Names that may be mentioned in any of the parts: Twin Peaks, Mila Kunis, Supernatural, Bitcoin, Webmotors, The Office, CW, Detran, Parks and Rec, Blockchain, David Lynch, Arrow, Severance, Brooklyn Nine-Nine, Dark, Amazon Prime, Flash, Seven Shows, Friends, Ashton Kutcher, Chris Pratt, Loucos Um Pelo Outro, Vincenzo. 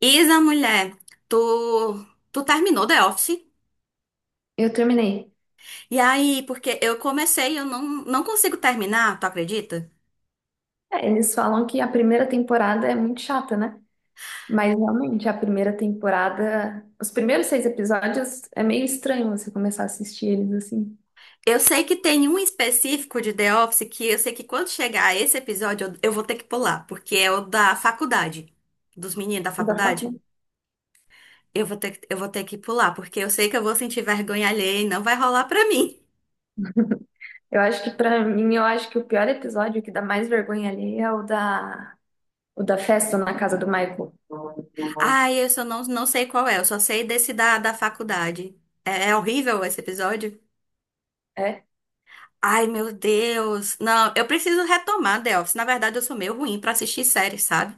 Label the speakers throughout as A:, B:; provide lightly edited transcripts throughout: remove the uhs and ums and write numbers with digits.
A: Isa, mulher, tu, tu terminou The Office?
B: Eu terminei.
A: E aí, porque eu comecei e eu não consigo terminar, tu acredita?
B: É, eles falam que a primeira temporada é muito chata, né? Mas realmente, a primeira temporada, os primeiros seis episódios é meio estranho você começar a assistir eles assim.
A: Eu sei que tem um específico de The Office que eu sei que quando chegar esse episódio eu vou ter que pular, porque é o da faculdade, dos meninos da
B: Da
A: faculdade.
B: faca.
A: Eu vou ter que pular, porque eu sei que eu vou sentir vergonha alheia e não vai rolar pra mim.
B: Eu acho que pra mim, eu acho que o pior episódio o que dá mais vergonha ali é o da festa na casa do Michael.
A: Ai, eu só não sei qual é, eu só sei desse da faculdade. É horrível esse episódio?
B: É?
A: Ai, meu Deus. Não, eu preciso retomar The Office. Na verdade, eu sou meio ruim pra assistir séries, sabe?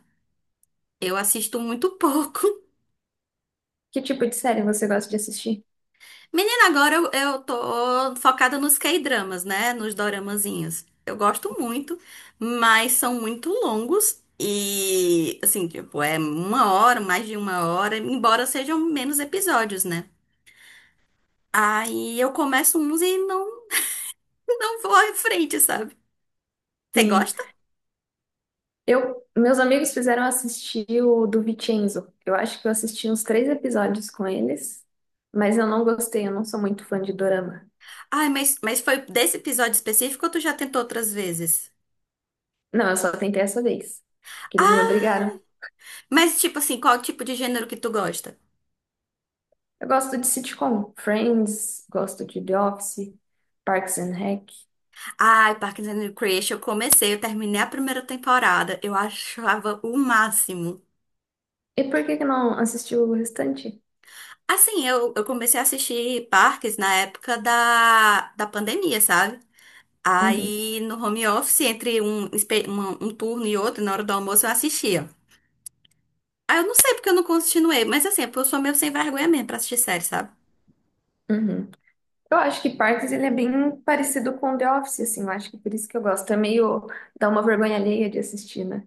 A: Eu assisto muito pouco.
B: Que tipo de série você gosta de assistir?
A: Menina, agora eu tô focada nos K-dramas, né? Nos doramazinhos. Eu gosto muito, mas são muito longos. E, assim, tipo, é uma hora, mais de uma hora, embora sejam menos episódios, né? Aí eu começo uns e não vou à frente, sabe? Você
B: Sim.
A: gosta?
B: Eu, meus amigos fizeram assistir o do Vincenzo. Eu acho que eu assisti uns três episódios com eles, mas eu não gostei, eu não sou muito fã de dorama.
A: Ai, mas foi desse episódio específico ou tu já tentou outras vezes?
B: Não, eu só tentei essa vez, que eles me
A: Ah,
B: obrigaram.
A: mas, tipo assim, qual tipo de gênero que tu gosta?
B: Eu gosto de sitcom, Friends, gosto de The Office, Parks and Rec.
A: Ai, Parks and Recreation, eu comecei, eu terminei a primeira temporada, eu achava o máximo.
B: E por que que não assistiu o restante?
A: Assim, eu comecei a assistir Parks na época da pandemia, sabe?
B: Uhum,
A: Aí, no home office, entre um turno e outro, na hora do almoço, eu assistia. Aí, eu não sei porque eu não continuei, mas assim, é porque eu sou meio sem vergonha mesmo pra assistir série, sabe?
B: uhum. Eu acho que Parks ele é bem parecido com The Office, assim, eu acho que por isso que eu gosto. É meio dá uma vergonha alheia de assistir, né?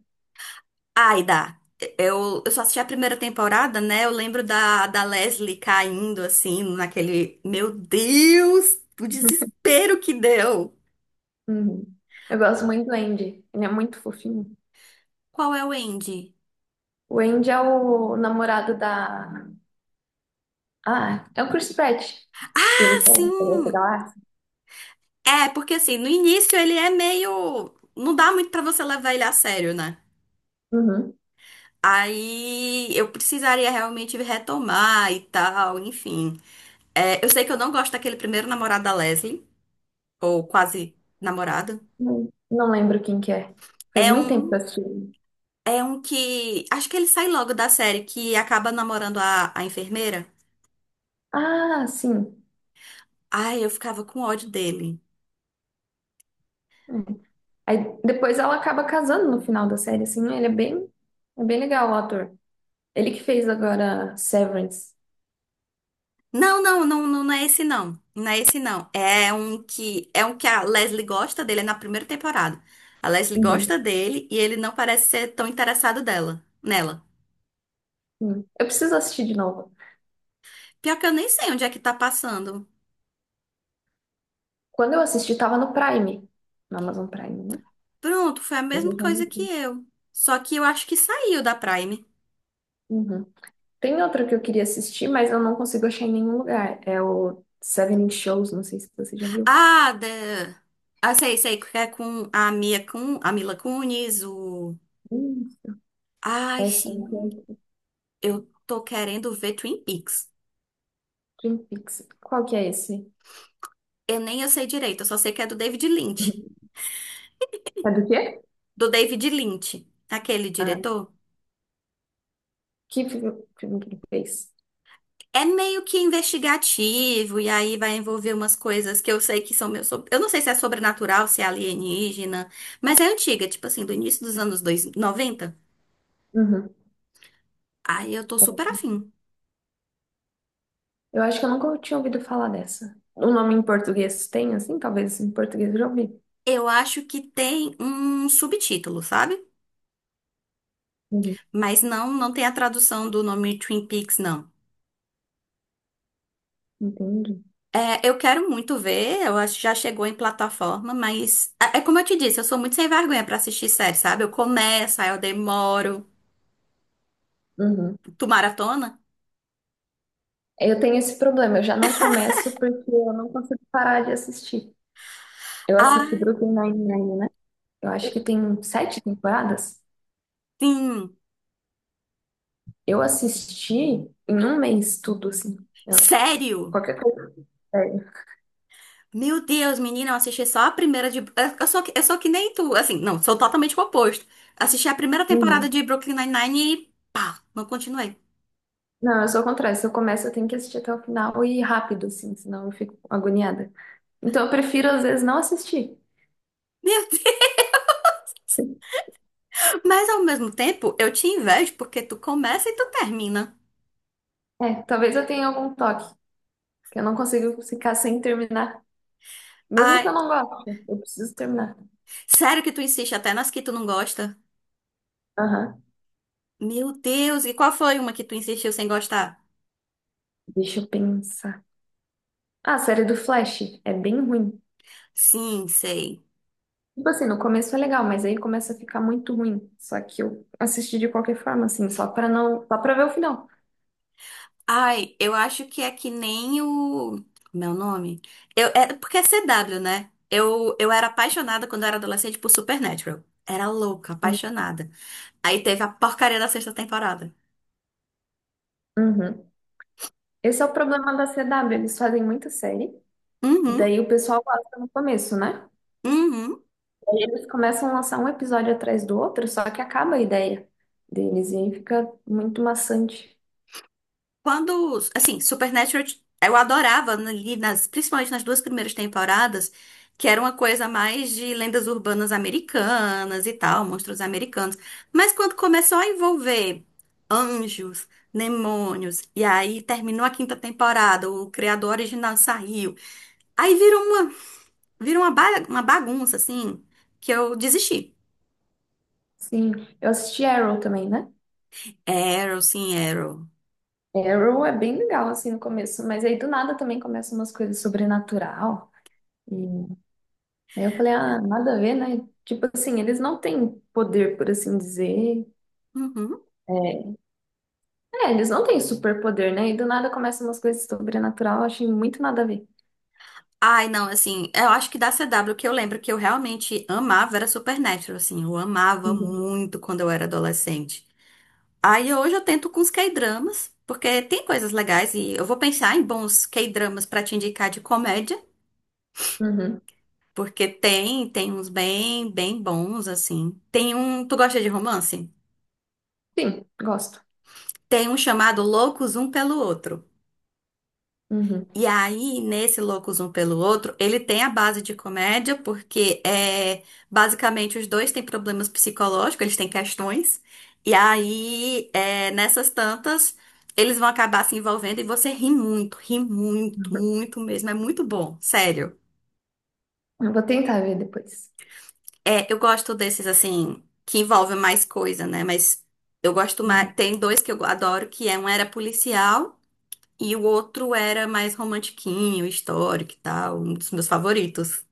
A: Ai, dá. Eu só assisti a primeira temporada, né? Eu lembro da Leslie caindo, assim, naquele meu Deus, o desespero que deu!
B: Uhum. Eu gosto muito do Andy. Ele é muito fofinho.
A: Qual é o Andy?
B: O Andy é o namorado da. Ah, é o Chris Pratt. Que
A: Ah,
B: ele falou da
A: sim!
B: Galáxia.
A: É, porque assim, no início ele é meio. Não dá muito pra você levar ele a sério, né?
B: Uhum.
A: Aí eu precisaria realmente retomar e tal, enfim. É, eu sei que eu não gosto daquele primeiro namorado da Leslie, ou quase namorado.
B: Não, não lembro quem que é. Faz
A: É
B: muito tempo que
A: um
B: eu assisti.
A: É um que, acho que ele sai logo da série, que acaba namorando a enfermeira.
B: Ah, sim.
A: Ai, eu ficava com ódio dele.
B: É. Aí depois ela acaba casando no final da série, assim. Ele é bem legal, o ator. Ele que fez agora Severance.
A: Não é esse não. Não é esse não. É um que a Leslie gosta dele, é na primeira temporada. A Leslie gosta
B: Uhum.
A: dele e ele não parece ser tão interessado nela.
B: Sim. Eu preciso assistir de novo.
A: Pior que eu nem sei onde é que tá passando.
B: Quando eu assisti, tava no Prime. No Amazon Prime, né?
A: Pronto, foi a
B: Hoje
A: mesma
B: eu já não
A: coisa que eu. Só que eu acho que saiu da Prime.
B: sei. Tem outra que eu queria assistir, mas eu não consigo achar em nenhum lugar. É o Seven Shows, não sei se você já viu.
A: Ah, da. Ah, sei, que é com a a Mila Kunis, o.
B: Hum,
A: Ai,
B: Ashton
A: sim.
B: Kutcher,
A: Eu tô querendo ver Twin Peaks.
B: Twin Peaks. Qual que é esse?
A: Eu nem eu sei direito, eu só sei que é do David Lynch.
B: É do quê?
A: Do David Lynch, aquele
B: Ah,
A: diretor.
B: que fi- filme que ele fez?
A: É meio que investigativo, e aí vai envolver umas coisas que eu sei que são meus. Eu não sei se é sobrenatural, se é alienígena, mas é antiga, tipo assim, do início dos anos 90.
B: Uhum.
A: Aí eu tô super afim.
B: Eu acho que eu nunca tinha ouvido falar dessa. O nome em português tem, assim? Talvez em português eu já ouvi.
A: Eu acho que tem um subtítulo, sabe?
B: Uhum.
A: Mas não tem a tradução do nome Twin Peaks, não.
B: Entendi.
A: É, eu quero muito ver, eu acho que já chegou em plataforma, mas é como eu te disse, eu sou muito sem vergonha pra assistir série, sabe? Eu começo, aí eu demoro.
B: Uhum.
A: Tu maratona?
B: Eu tenho esse problema, eu já não começo porque eu não consigo parar de assistir. Eu assisti
A: Ah,
B: Brooklyn Nine-Nine, né? Eu
A: eu
B: acho que tem sete temporadas.
A: sim.
B: Eu assisti em um mês tudo, assim. Eu-
A: Sério?
B: qualquer coisa. Sério.
A: Meu Deus, menina, eu assisti só a primeira de. Eu sou que nem tu, assim, não, sou totalmente o oposto. Assisti a primeira temporada
B: Uhum.
A: de Brooklyn Nine-Nine e pá, não continuei.
B: Não, eu sou o contrário. Se eu começo, eu tenho que assistir até o final e rápido, assim, senão eu fico agoniada. Então eu prefiro, às vezes, não assistir.
A: Meu Deus! Mas ao mesmo tempo, eu te invejo porque tu começa e tu termina.
B: É, talvez eu tenha algum toque, que eu não consigo ficar sem terminar. Mesmo que eu
A: Ai,
B: não goste, eu preciso terminar.
A: sério que tu insiste até nas que tu não gosta?
B: Aham.
A: Meu Deus, e qual foi uma que tu insistiu sem gostar?
B: Deixa eu pensar. Ah, a série do Flash é bem ruim.
A: Sim, sei.
B: Tipo assim, no começo é legal, mas aí começa a ficar muito ruim. Só que eu assisti de qualquer forma, assim, só pra não, só pra ver o final.
A: Ai, eu acho que é que nem o meu nome. Eu é porque é CW, né? Eu era apaixonada quando eu era adolescente por Supernatural. Era louca, apaixonada. Aí teve a porcaria da sexta temporada.
B: Uhum. Esse é o problema da CW, eles fazem muita série, e
A: Uhum,
B: daí o pessoal gosta no começo, né?
A: uhum.
B: Aí eles começam a lançar um episódio atrás do outro, só que acaba a ideia deles, e aí fica muito maçante.
A: Quando, assim, Supernatural, eu adorava ali nas, principalmente nas duas primeiras temporadas, que era uma coisa mais de lendas urbanas americanas e tal, monstros americanos. Mas quando começou a envolver anjos, demônios, e aí terminou a quinta temporada, o criador original saiu. Aí virou uma, virou uma bagunça, assim, que eu desisti.
B: Sim, eu assisti Arrow também, né?
A: Arrow, sim, Arrow.
B: Arrow é bem legal, assim, no começo, mas aí do nada também começam umas coisas sobrenatural, e aí eu falei, ah, nada a ver, né? Tipo assim, eles não têm poder, por assim dizer,
A: Uhum.
B: é, eles não têm superpoder, né? E do nada começam umas coisas sobrenatural, eu achei muito nada a ver.
A: Ai, não, assim, eu acho que da CW que eu lembro que eu realmente amava era Supernatural, assim, eu amava
B: Uhum.
A: muito quando eu era adolescente. Aí hoje eu tento com os K-dramas, porque tem coisas legais e eu vou pensar em bons K-dramas pra te indicar de comédia,
B: Uhum.
A: porque tem uns bem bons, assim. Tem um, tu gosta de romance?
B: Sim, gosto.
A: Tem um chamado Loucos Um Pelo Outro.
B: Uhum.
A: E aí, nesse Loucos Um Pelo Outro, ele tem a base de comédia, porque é basicamente os dois têm problemas psicológicos, eles têm questões. E aí, é, nessas tantas, eles vão acabar se envolvendo e você ri muito,
B: Uhum.
A: muito mesmo. É muito bom, sério.
B: Eu vou tentar ver depois.
A: É, eu gosto desses, assim, que envolvem mais coisa, né? Mas eu gosto mais.
B: Uhum.
A: Tem dois que eu adoro, que é um era policial e o outro era mais romantiquinho, histórico e tal, um dos meus favoritos.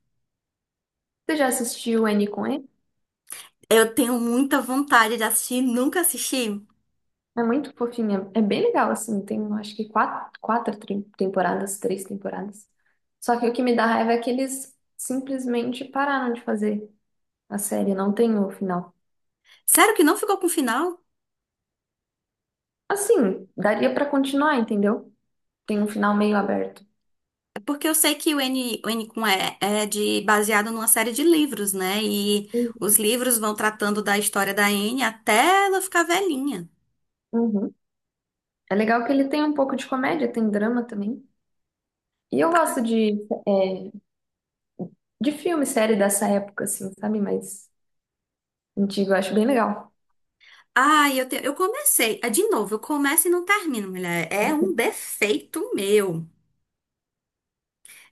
B: Você já assistiu N com E?
A: Eu tenho muita vontade de assistir, nunca assisti.
B: É muito fofinha. É bem legal, assim. Tem, eu acho que quatro, temporadas, três temporadas. Só que o que me dá raiva é que eles simplesmente pararam de fazer a série. Não tem o final.
A: Sério que não ficou com final?
B: Assim, daria pra continuar, entendeu? Tem um final meio aberto.
A: É, porque eu sei que o N com E é de, baseado numa série de livros, né? E os livros vão tratando da história da N até ela ficar velhinha.
B: Uhum. É legal que ele tem um pouco de comédia, tem drama também. E eu gosto de é, de filme, série dessa época, assim, sabe? Mas antigo, eu acho bem legal.
A: Eu comecei. Ah, de novo, eu começo e não termino, mulher. É um defeito meu.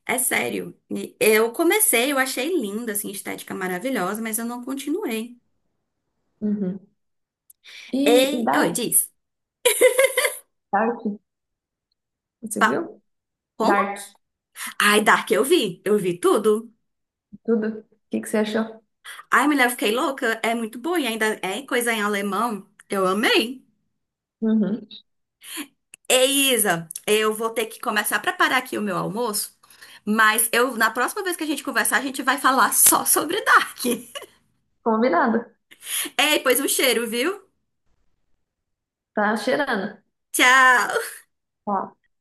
A: É sério. E eu comecei, eu achei linda, assim, estética maravilhosa, mas eu não continuei.
B: Uhum. E
A: Ei, oi,
B: Dark,
A: diz.
B: Dark, você
A: Pa-
B: viu? Dark,
A: ai, Dark, eu vi. Eu vi tudo.
B: tudo. O que que você achou?
A: Ai, mulher, eu fiquei louca. É muito bom, e ainda é coisa em alemão. Eu amei.
B: Uhum.
A: Ei, Isa, eu vou ter que começar a preparar aqui o meu almoço. Mas eu, na próxima vez que a gente conversar, a gente vai falar só sobre Dark.
B: Combinado.
A: Ei, pois um cheiro, viu?
B: Tá cheirando.
A: Tchau!
B: Ó.